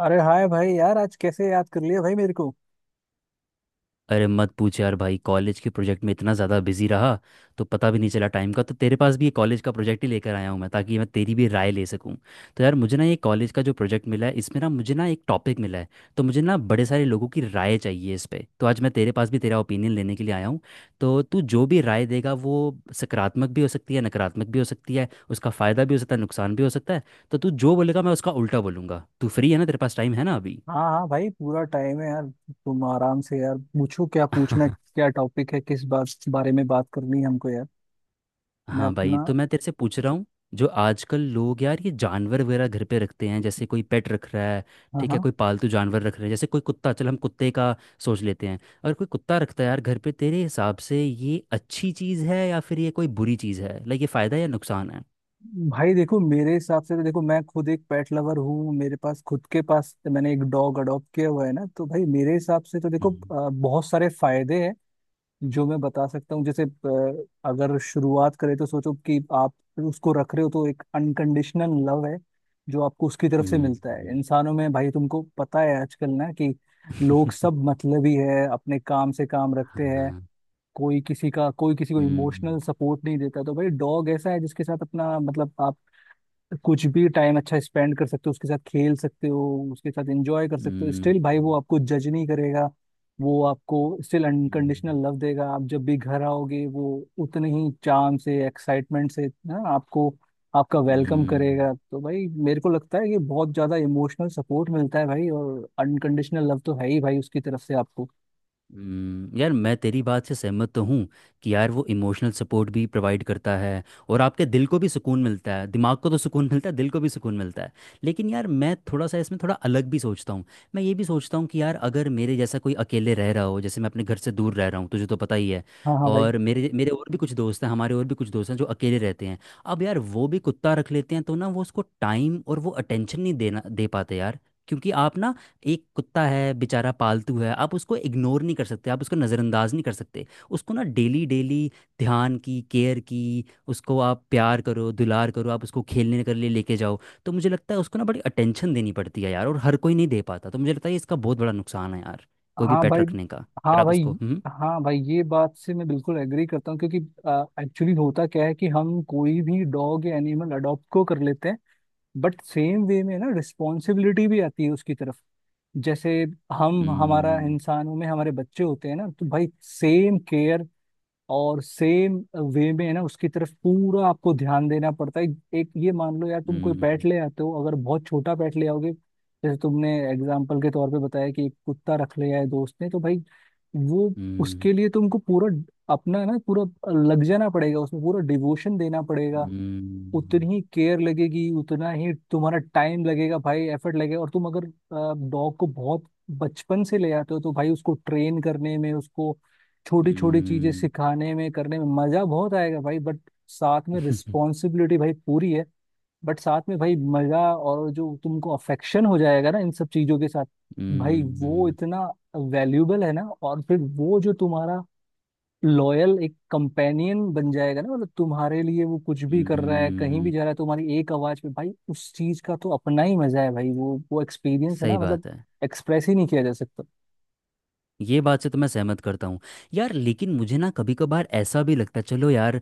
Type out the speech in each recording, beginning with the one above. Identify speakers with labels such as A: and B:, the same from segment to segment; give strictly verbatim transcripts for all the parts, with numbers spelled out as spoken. A: अरे हाय भाई यार, आज कैसे याद कर लिया भाई मेरे को।
B: अरे मत पूछ यार भाई। कॉलेज के प्रोजेक्ट में इतना ज़्यादा बिजी रहा तो पता भी नहीं चला टाइम का। तो तेरे पास भी ये कॉलेज का प्रोजेक्ट ही लेकर आया हूँ मैं, ताकि मैं तेरी भी राय ले सकूँ। तो यार मुझे ना ये कॉलेज का जो प्रोजेक्ट मिला है इसमें ना मुझे ना एक टॉपिक मिला है। तो मुझे ना बड़े सारे लोगों की राय चाहिए इस पे, तो आज मैं तेरे पास भी तेरा ओपिनियन लेने के लिए आया हूँ। तो तू जो भी राय देगा वो सकारात्मक भी हो सकती है, नकारात्मक भी हो सकती है, उसका फ़ायदा भी हो सकता है, नुकसान भी हो सकता है। तो तू जो बोलेगा मैं उसका उल्टा बोलूँगा। तू फ्री है ना? तेरे पास टाइम है ना अभी?
A: हाँ हाँ भाई, पूरा टाइम है यार। तुम आराम से यार पूछो, क्या पूछना है, क्या टॉपिक है, किस बात बारे में बात करनी है हमको यार। मैं
B: हाँ भाई,
A: अपना।
B: तो मैं तेरे से पूछ रहा हूँ। जो आजकल लोग यार ये जानवर वगैरह घर पे रखते हैं, जैसे कोई पेट रख रहा है।
A: हाँ
B: ठीक है,
A: हाँ।
B: कोई पालतू जानवर रख रहा है, जैसे कोई कुत्ता। चल हम कुत्ते का सोच लेते हैं। अगर कोई कुत्ता रखता है यार घर पे, तेरे हिसाब से ये अच्छी चीज़ है या फिर ये कोई बुरी चीज़ है? लाइक ये फ़ायदा है या नुकसान है?
A: भाई देखो, मेरे हिसाब से तो देखो, मैं खुद एक पेट लवर हूँ, मेरे पास खुद के पास मैंने एक डॉग अडॉप्ट किया हुआ है ना, तो भाई मेरे हिसाब से तो देखो
B: हम्म।
A: अ, बहुत सारे फायदे हैं जो मैं बता सकता हूँ। जैसे अ, अगर शुरुआत करें तो सोचो कि आप उसको रख रहे हो तो एक अनकंडीशनल लव है जो आपको उसकी तरफ से
B: हम्म।
A: मिलता है।
B: हम्म।
A: इंसानों में भाई तुमको पता है आजकल ना कि लोग सब मतलबी है, अपने काम से काम रखते हैं।
B: हाँ।
A: कोई किसी का, कोई किसी को
B: हम्म।
A: इमोशनल सपोर्ट नहीं देता। तो भाई डॉग ऐसा है जिसके साथ अपना मतलब आप कुछ भी टाइम अच्छा स्पेंड कर सकते हो, उसके साथ खेल सकते हो, उसके साथ एंजॉय कर सकते हो।
B: हम्म।
A: स्टिल भाई वो आपको जज नहीं करेगा, वो आपको स्टिल अनकंडीशनल
B: हम्म।
A: लव देगा। आप जब भी घर आओगे वो उतने ही चाम से, एक्साइटमेंट से ना आपको, आपका वेलकम
B: हम्म।
A: करेगा। तो भाई मेरे को लगता है ये बहुत ज्यादा इमोशनल सपोर्ट मिलता है भाई, और अनकंडीशनल लव तो है ही भाई उसकी तरफ से आपको।
B: हम्म। यार मैं तेरी बात से सहमत तो हूँ कि यार वो इमोशनल सपोर्ट भी प्रोवाइड करता है, और आपके दिल को भी सुकून मिलता है, दिमाग को तो सुकून मिलता है, दिल को भी सुकून मिलता है। लेकिन यार मैं थोड़ा सा इसमें थोड़ा अलग भी सोचता हूँ। मैं ये भी सोचता हूँ कि यार अगर मेरे जैसा कोई अकेले रह रहा हो, जैसे मैं अपने घर से दूर रह रहा हूँ, तुझे तो पता ही है।
A: हाँ हाँ भाई।
B: और मेरे मेरे और भी कुछ दोस्त हैं, हमारे और भी कुछ दोस्त हैं जो अकेले रहते हैं। अब यार वो भी कुत्ता रख लेते हैं तो ना वो उसको टाइम और वो अटेंशन नहीं देना दे पाते यार। क्योंकि आप ना, एक कुत्ता है बेचारा, पालतू है, आप उसको इग्नोर नहीं कर सकते, आप उसको नज़रअंदाज नहीं कर सकते। उसको ना डेली डेली ध्यान की, केयर की, उसको आप प्यार करो, दुलार करो, आप उसको खेलने के लिए लेके जाओ। तो मुझे लगता है उसको ना बड़ी अटेंशन देनी पड़ती है यार, और हर कोई नहीं दे पाता। तो मुझे लगता है इसका बहुत बड़ा नुकसान है यार, कोई भी
A: हाँ
B: पेट
A: भाई।
B: रखने का। अगर
A: हाँ
B: आप
A: भाई।
B: उसको। हम्म।
A: हाँ भाई, ये बात से मैं बिल्कुल एग्री करता हूँ क्योंकि एक्चुअली होता क्या है कि हम कोई भी डॉग या एनिमल अडॉप्ट को कर लेते हैं, बट सेम वे में ना रिस्पॉन्सिबिलिटी भी आती है उसकी तरफ। जैसे हम, हमारा इंसानों में हमारे बच्चे होते हैं ना, तो भाई सेम केयर और सेम वे में है ना, उसकी तरफ पूरा आपको ध्यान देना पड़ता है। एक ये मान लो यार, तुम कोई पेट ले आते हो, अगर बहुत छोटा पेट ले आओगे, जैसे तुमने एग्जाम्पल के तौर पे बताया कि एक कुत्ता रख लिया है दोस्त ने, तो भाई वो, उसके लिए तुमको पूरा अपना ना पूरा लग जाना पड़ेगा, उसमें पूरा डिवोशन देना पड़ेगा।
B: हम्म। हम्म। हम्म।
A: उतनी ही केयर लगेगी, उतना ही तुम्हारा टाइम लगेगा भाई, एफर्ट लगेगा। और तुम अगर डॉग को बहुत बचपन से ले आते हो तो भाई उसको ट्रेन करने में, उसको छोटी छोटी चीजें
B: हम्म। हम्म।
A: सिखाने में, करने में मजा बहुत आएगा भाई। बट साथ में रिस्पॉन्सिबिलिटी भाई पूरी है। बट साथ में भाई मजा, और जो तुमको अफेक्शन हो जाएगा ना इन सब चीजों के साथ, भाई वो
B: हम्म।
A: इतना वैल्यूबल है ना। और फिर वो जो तुम्हारा लॉयल एक कंपेनियन बन जाएगा ना, मतलब तुम्हारे लिए वो कुछ भी
B: हम्म।
A: कर रहा है, कहीं भी
B: हम्म।
A: जा रहा है तुम्हारी एक आवाज पे, भाई उस चीज का तो अपना ही मजा है भाई। वो वो एक्सपीरियंस है ना
B: सही
A: मतलब,
B: बात है।
A: एक्सप्रेस ही नहीं किया जा सकता।
B: ये बात से तो मैं सहमत करता हूँ। यार लेकिन मुझे ना कभी कभार ऐसा भी लगता है, चलो यार,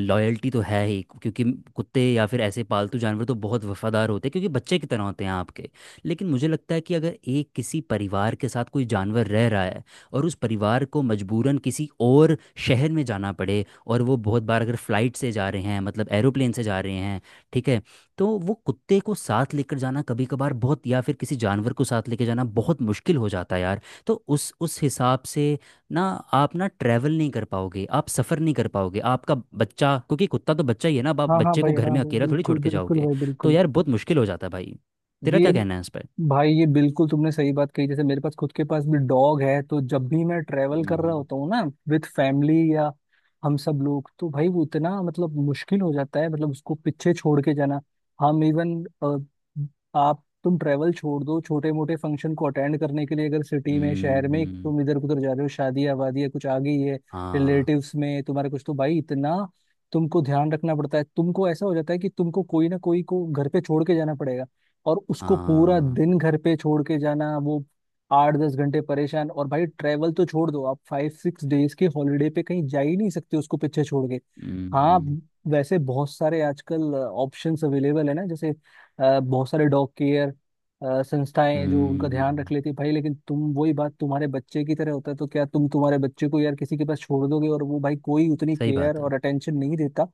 B: लॉयल्टी तो है ही, क्योंकि कुत्ते या फिर ऐसे पालतू जानवर तो बहुत वफादार होते हैं, क्योंकि बच्चे की तरह होते हैं आपके। लेकिन मुझे लगता है कि अगर एक किसी परिवार के साथ कोई जानवर रह रहा है, और उस परिवार को मजबूरन किसी और शहर में जाना पड़े, और वो बहुत बार अगर फ्लाइट से जा रहे हैं, मतलब एरोप्लेन से जा रहे हैं, ठीक है, तो वो कुत्ते को साथ लेकर जाना कभी कभार बहुत, या फिर किसी जानवर को साथ लेकर जाना बहुत मुश्किल हो जाता है यार। तो उस उस हिसाब से ना, आप ना ट्रैवल नहीं कर पाओगे, आप सफ़र नहीं कर पाओगे, आपका बच्चा, क्योंकि कुत्ता तो बच्चा ही है ना, अब आप
A: हाँ हाँ
B: बच्चे को
A: भाई।
B: घर
A: हाँ
B: में
A: भाई
B: अकेला थोड़ी
A: बिल्कुल
B: छोड़ के
A: बिल्कुल
B: जाओगे।
A: भाई
B: तो
A: बिल्कुल।
B: यार बहुत मुश्किल हो जाता है भाई। तेरा
A: ये
B: क्या कहना है इस पर?
A: भाई, ये बिल्कुल तुमने सही बात कही। जैसे मेरे पास खुद के पास भी डॉग है, तो जब भी मैं ट्रेवल कर रहा
B: हम्म।
A: होता हूँ ना विद फैमिली या हम सब लोग, तो भाई वो इतना मतलब मुश्किल हो जाता है मतलब उसको पीछे छोड़ के जाना। हम इवन, आप तुम ट्रेवल छोड़ दो, छोटे मोटे फंक्शन को अटेंड करने के लिए अगर सिटी में, शहर में
B: हम्म।
A: तुम इधर उधर जा रहे हो, शादी आबादी है, कुछ आ गई है
B: हाँ।
A: रिलेटिव्स में तुम्हारे कुछ, तो भाई इतना तुमको ध्यान रखना पड़ता है। तुमको ऐसा हो जाता है कि तुमको कोई ना कोई को घर पे छोड़ के जाना पड़ेगा, और उसको पूरा
B: हाँ।
A: दिन घर पे छोड़ के जाना, वो आठ दस घंटे परेशान। और भाई ट्रेवल तो छोड़ दो, आप फाइव सिक्स डेज के हॉलीडे पे कहीं जा ही नहीं सकते उसको पीछे छोड़ के। हाँ,
B: हम्म।
A: वैसे बहुत सारे आजकल ऑप्शंस अवेलेबल है ना, जैसे अ, बहुत सारे डॉग केयर संस्थाएं हैं जो उनका ध्यान रख
B: हम्म।
A: लेती है भाई। लेकिन तुम वही बात, तुम्हारे बच्चे की तरह होता है, तो क्या तुम तुम्हारे बच्चे को यार किसी के पास छोड़ दोगे? और वो भाई कोई उतनी
B: सही
A: केयर
B: बात है।
A: और अटेंशन नहीं देता।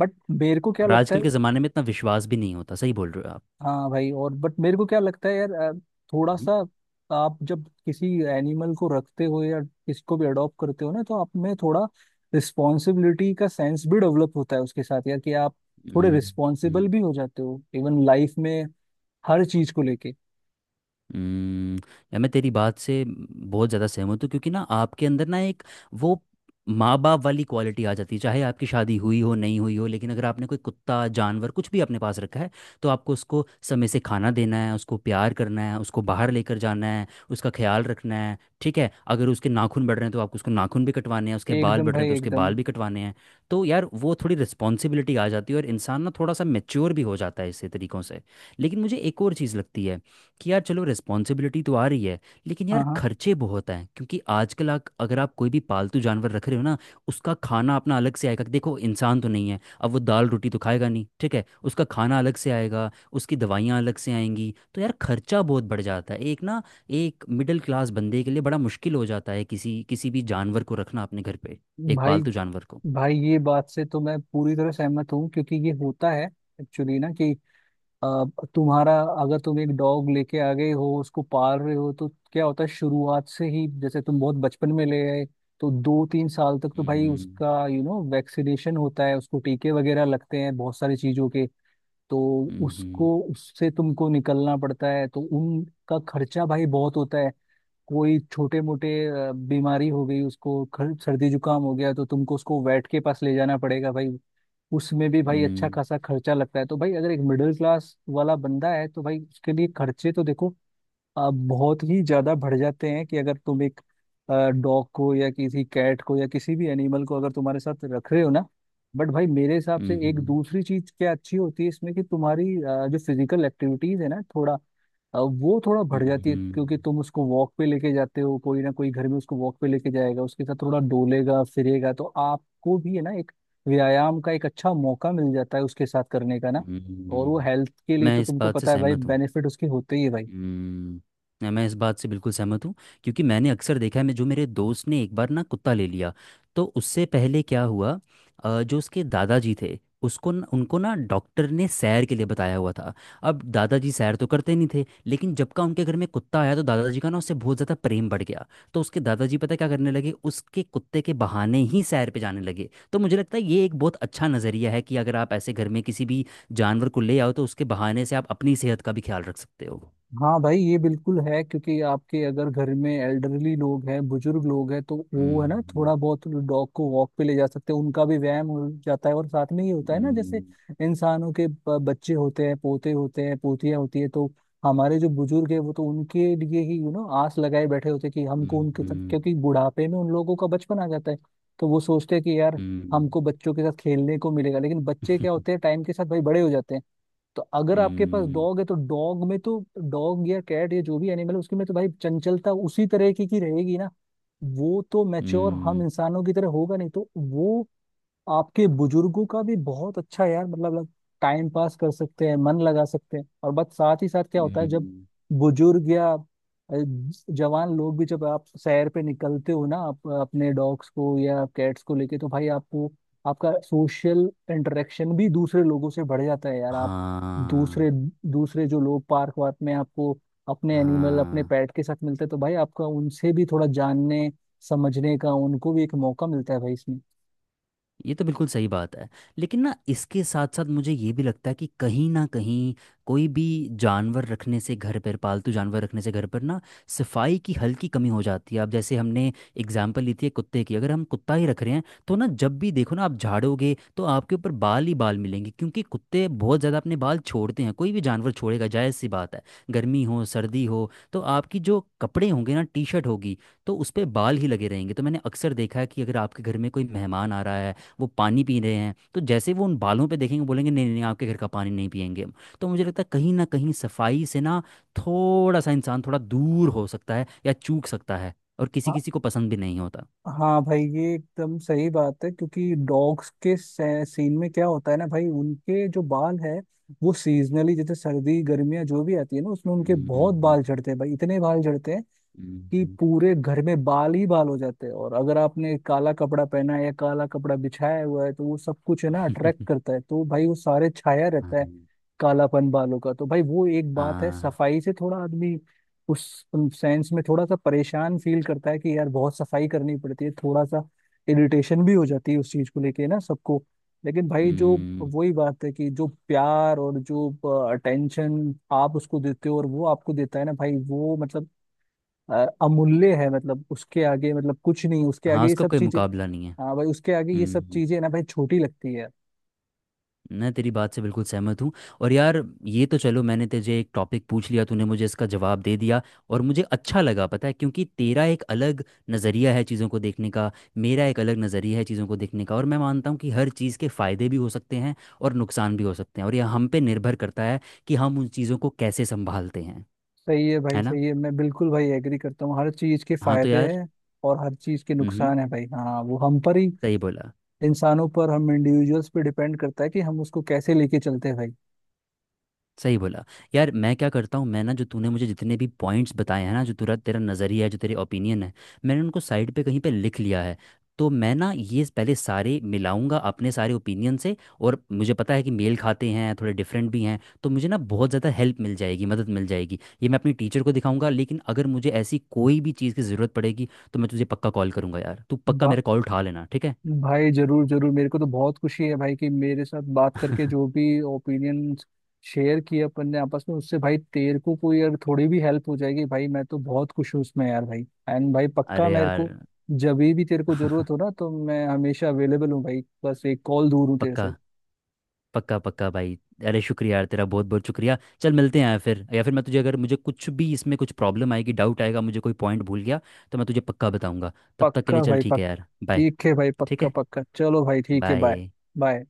A: बट मेरे को क्या
B: और
A: लगता है।
B: आजकल के ज़माने में इतना विश्वास भी नहीं होता, सही बोल रहे हो आप।
A: हाँ भाई, और बट मेरे को क्या लगता है यार, अ, थोड़ा
B: हम्म।
A: सा आप जब किसी एनिमल को रखते हो या किसको भी अडॉप्ट करते हो ना, तो आप में थोड़ा रिस्पॉन्सिबिलिटी का सेंस भी डेवलप होता है उसके साथ यार। कि आप थोड़े रिस्पॉन्सिबल
B: हम्म।
A: भी हो जाते हो इवन लाइफ में, हर चीज को लेके।
B: हम्म। यार मैं तेरी बात से बहुत ज़्यादा सहमत हूँ, क्योंकि ना आपके अंदर ना एक वो माँ बाप वाली क्वालिटी आ जाती है, चाहे आपकी शादी हुई हो नहीं हुई हो, लेकिन अगर आपने कोई कुत्ता जानवर कुछ भी अपने पास रखा है, तो आपको उसको समय से खाना देना है, उसको प्यार करना है, उसको बाहर लेकर जाना है, उसका ख्याल रखना है। ठीक है, अगर उसके नाखून बढ़ रहे हैं तो आपको उसको नाखून भी कटवाने हैं, उसके बाल
A: एकदम
B: बढ़ रहे हैं
A: भाई
B: तो उसके
A: एकदम।
B: बाल भी कटवाने हैं। तो यार वो थोड़ी रिस्पॉन्सिबिलिटी आ जाती है, और इंसान ना थोड़ा सा मेच्योर भी हो जाता है इससे, तरीक़ों से। लेकिन मुझे एक और चीज़ लगती है कि यार चलो रिस्पॉन्सिबिलिटी तो आ रही है, लेकिन
A: हाँ
B: यार
A: हाँ
B: खर्चे बहुत हैं, क्योंकि आजकल आप अगर आप कोई भी पालतू जानवर रख रहे हो ना, उसका खाना अपना अलग से आएगा, देखो इंसान तो नहीं है अब, वो दाल रोटी तो खाएगा नहीं, ठीक है, उसका खाना अलग से आएगा, उसकी दवाइयाँ अलग से आएंगी, तो यार खर्चा बहुत बढ़ जाता है एक ना। एक मिडिल क्लास बंदे के लिए बड़ा मुश्किल हो जाता है किसी किसी भी जानवर को रखना अपने घर पे, एक
A: भाई,
B: पालतू जानवर को।
A: भाई ये बात से तो मैं पूरी तरह सहमत हूँ क्योंकि ये होता है एक्चुअली ना कि अब तुम्हारा, अगर तुम एक डॉग लेके आ गए हो, उसको पाल रहे हो, तो क्या होता है शुरुआत से ही, जैसे तुम बहुत बचपन में ले आए, तो दो तीन साल तक तो भाई
B: हम्म।
A: उसका यू नो वैक्सीनेशन होता है, उसको टीके वगैरह लगते हैं बहुत सारी चीजों के। तो
B: हम्म।
A: उसको उससे तुमको निकलना पड़ता है, तो उनका खर्चा भाई बहुत होता है। कोई छोटे मोटे बीमारी हो गई, उसको खर- सर्दी जुकाम हो गया, तो तुमको उसको वेट के पास ले जाना पड़ेगा भाई, उसमें भी भाई अच्छा
B: हम्म।
A: खासा खर्चा लगता है। तो भाई अगर एक मिडिल क्लास वाला बंदा है तो भाई उसके लिए खर्चे तो देखो, आप बहुत ही ज्यादा बढ़ जाते हैं कि अगर तुम एक डॉग को या किसी कैट को या किसी भी एनिमल को अगर तुम्हारे साथ रख रहे हो ना। बट भाई मेरे हिसाब से एक
B: हम्म।
A: दूसरी चीज क्या अच्छी होती है इसमें, कि तुम्हारी अ, जो फिजिकल एक्टिविटीज है ना, थोड़ा अ, वो थोड़ा बढ़ जाती है,
B: हम्म।
A: क्योंकि तुम उसको वॉक पे लेके जाते हो, कोई ना कोई घर में उसको वॉक पे लेके जाएगा, उसके साथ थोड़ा डोलेगा फिरेगा, तो आपको भी है ना एक व्यायाम का एक अच्छा मौका मिल जाता है उसके साथ करने का ना।
B: हम्म।
A: और वो
B: हम्म।
A: हेल्थ के लिए
B: मैं
A: तो
B: इस
A: तुमको
B: बात से
A: पता है भाई
B: सहमत हूँ।
A: बेनिफिट उसके होते ही है भाई।
B: हम्म, नहीं, मैं इस बात से बिल्कुल सहमत हूँ, क्योंकि मैंने अक्सर देखा है, मैं जो, मेरे दोस्त ने एक बार ना कुत्ता ले लिया, तो उससे पहले क्या हुआ, अ, जो उसके दादाजी थे, उसको न, उनको ना डॉक्टर ने सैर के लिए बताया हुआ था। अब दादाजी सैर तो करते नहीं थे, लेकिन जब का उनके घर में कुत्ता आया तो दादाजी का ना उससे बहुत ज़्यादा प्रेम बढ़ गया। तो उसके दादाजी पता है क्या करने लगे, उसके कुत्ते के बहाने ही सैर पे जाने लगे। तो मुझे लगता है ये एक बहुत अच्छा नज़रिया है कि अगर आप ऐसे घर में किसी भी जानवर को ले आओ, तो उसके बहाने से आप अपनी सेहत का भी ख्याल रख सकते हो।
A: हाँ भाई ये बिल्कुल है, क्योंकि आपके अगर घर में एल्डरली लोग हैं, बुजुर्ग लोग हैं, तो वो है ना
B: हम्म।
A: थोड़ा बहुत डॉग को वॉक पे ले जा सकते हैं, उनका भी व्यायाम हो जाता है। और साथ में ये होता है ना, जैसे
B: हम्म।
A: इंसानों के ब- बच्चे होते हैं, पोते होते हैं, पोतियां होती है, तो हमारे जो बुजुर्ग है वो तो उनके लिए ही यू नो आस लगाए बैठे होते हैं कि हमको उनके साथ,
B: हम्म।
A: क्योंकि बुढ़ापे में उन लोगों का बचपन आ जाता है, तो वो सोचते हैं कि यार
B: हम्म।
A: हमको बच्चों के साथ खेलने को मिलेगा। लेकिन बच्चे क्या होते हैं, टाइम के साथ भाई बड़े हो जाते हैं। तो अगर आपके पास
B: हम्म।
A: डॉग है तो डॉग में तो, डॉग या कैट या जो भी एनिमल है उसके में तो भाई चंचलता उसी तरह की की रहेगी ना, वो तो मैच्योर हम
B: हम्म।
A: इंसानों की तरह होगा नहीं, तो वो आपके बुजुर्गों का भी बहुत अच्छा यार मतलब टाइम पास कर सकते हैं, मन लगा सकते हैं। और बस साथ ही साथ क्या होता है, जब
B: हम्म।
A: बुजुर्ग या अ, जवान लोग भी जब आप सैर पे निकलते हो ना आप अपने डॉग्स को या कैट्स को लेके, तो भाई आपको, आपका सोशल इंटरेक्शन भी दूसरे लोगों से बढ़ जाता है यार। आप
B: हाँ।
A: दूसरे, दूसरे जो लोग पार्क वार्क में आपको अपने एनिमल अपने
B: हाँ।
A: पेट के साथ मिलते हैं, तो भाई आपका उनसे भी थोड़ा जानने समझने का उनको भी एक मौका मिलता है भाई इसमें।
B: ये तो बिल्कुल सही बात है। लेकिन ना इसके साथ साथ मुझे ये भी लगता है कि कहीं ना कहीं, कोई भी जानवर रखने से घर पर, पालतू जानवर रखने से घर पर ना, सफाई की हल्की कमी हो जाती है। अब जैसे हमने एग्जाम्पल ली थी एक कुत्ते की, अगर हम कुत्ता ही रख रहे हैं तो ना, जब भी देखो ना आप झाड़ोगे तो आपके ऊपर बाल ही बाल मिलेंगे, क्योंकि कुत्ते बहुत ज़्यादा अपने बाल छोड़ते हैं, कोई भी जानवर छोड़ेगा, जायज़ सी बात है। गर्मी हो सर्दी हो तो आपकी जो कपड़े होंगे ना, टी शर्ट होगी, तो उस पर बाल ही लगे रहेंगे। तो मैंने अक्सर देखा है कि अगर आपके घर में कोई मेहमान आ रहा है, वो पानी पी रहे हैं, तो जैसे वो उन बालों पे देखेंगे, बोलेंगे, नहीं नहीं आपके घर का पानी नहीं पियेंगे हम। तो मुझे लगता है कहीं ना कहीं सफाई से ना थोड़ा सा इंसान थोड़ा दूर हो सकता है या चूक सकता है। और किसी किसी को पसंद भी नहीं होता।
A: हाँ भाई ये एकदम सही बात है, क्योंकि डॉग्स के से- सीन में क्या होता है ना भाई, उनके जो बाल है वो सीजनली जैसे सर्दी गर्मियाँ जो भी आती है ना, उसमें उनके बहुत
B: हम्म।
A: बाल झड़ते हैं भाई, इतने बाल झड़ते हैं
B: हम्म।
A: कि
B: हम्म।
A: पूरे घर में बाल ही बाल हो जाते हैं। और अगर आपने काला कपड़ा पहना है या काला कपड़ा बिछाया हुआ है, तो वो सब कुछ है ना अट्रैक्ट करता है, तो भाई वो सारे छाया
B: हाँ।
A: रहता है कालापन बालों का। तो भाई वो एक बात है,
B: हाँ।
A: सफाई से थोड़ा आदमी उस सेंस में थोड़ा सा परेशान फील करता है कि यार बहुत सफाई करनी पड़ती है, थोड़ा सा इरिटेशन भी हो जाती है उस चीज को लेके ना सबको। लेकिन भाई जो
B: हम्म।
A: वही बात है कि जो प्यार और जो अटेंशन आप उसको देते हो और वो आपको देता है ना भाई, वो मतलब अ, अमूल्य है, मतलब उसके आगे मतलब कुछ नहीं, उसके
B: हाँ,
A: आगे ये
B: उसका
A: सब
B: कोई
A: चीजें।
B: मुकाबला नहीं है।
A: हाँ भाई उसके आगे ये सब
B: हम्म।
A: चीजें ना भाई छोटी लगती है।
B: मैं तेरी बात से बिल्कुल सहमत हूँ। और यार ये तो चलो, मैंने तुझे एक टॉपिक पूछ लिया, तूने मुझे इसका जवाब दे दिया, और मुझे अच्छा लगा पता है, क्योंकि तेरा एक अलग नज़रिया है चीज़ों को देखने का, मेरा एक अलग नज़रिया है चीज़ों को देखने का। और मैं मानता हूँ कि हर चीज़ के फ़ायदे भी हो सकते हैं और नुकसान भी हो सकते हैं, और यह हम पे निर्भर करता है कि हम उन चीज़ों को कैसे संभालते हैं।
A: सही है भाई
B: है ना?
A: सही है, मैं बिल्कुल भाई एग्री करता हूँ, हर चीज के
B: हाँ, तो
A: फायदे
B: यार।
A: हैं और हर चीज के
B: हम्म।
A: नुकसान है भाई। हाँ वो हम पर ही,
B: सही बोला।
A: इंसानों पर, हम इंडिविजुअल्स पे डिपेंड करता है कि हम उसको कैसे लेके चलते हैं।
B: सही बोला। यार मैं क्या करता हूँ, मैं ना जो तूने मुझे जितने भी पॉइंट्स बताए हैं ना, जो तेरा तेरा नज़रिया है, जो तेरे ओपिनियन है, मैंने उनको साइड पे कहीं पे लिख लिया है। तो मैं ना ये पहले सारे मिलाऊंगा अपने सारे ओपिनियन से। और मुझे पता है कि मेल खाते हैं, थोड़े डिफरेंट भी हैं, तो मुझे ना बहुत ज़्यादा हेल्प मिल जाएगी, मदद मिल जाएगी। ये मैं अपनी टीचर को दिखाऊंगा। लेकिन अगर मुझे ऐसी कोई भी चीज़ की ज़रूरत पड़ेगी तो मैं तुझे पक्का कॉल करूंगा यार, तू पक्का
A: भाई,
B: मेरा कॉल उठा लेना, ठीक है?
A: भाई जरूर जरूर, मेरे को तो बहुत खुशी है भाई कि मेरे साथ बात करके जो भी ओपिनियन शेयर किए अपन ने आपस में, उससे भाई तेरे को कोई अगर थोड़ी भी हेल्प हो जाएगी भाई, मैं तो बहुत खुश हूँ उसमें यार भाई। एंड भाई पक्का,
B: अरे
A: मेरे
B: यार।
A: को जब भी तेरे को जरूरत हो ना तो मैं हमेशा अवेलेबल हूँ भाई, बस एक कॉल दूर हूँ तेरे
B: पक्का।
A: से।
B: पक्का पक्का भाई। अरे शुक्रिया यार, तेरा बहुत बहुत शुक्रिया। चल मिलते हैं यार फिर, या फिर मैं तुझे, अगर मुझे कुछ भी इसमें कुछ प्रॉब्लम आएगी, डाउट आएगा, मुझे कोई पॉइंट भूल गया, तो मैं तुझे पक्का बताऊंगा। तब तक के लिए
A: पक्का
B: चल,
A: भाई
B: ठीक है
A: पक्का।
B: यार, बाय।
A: ठीक है भाई,
B: ठीक
A: पक्का
B: है।
A: पक्का, चलो भाई ठीक है,
B: बाय।
A: Bye bye.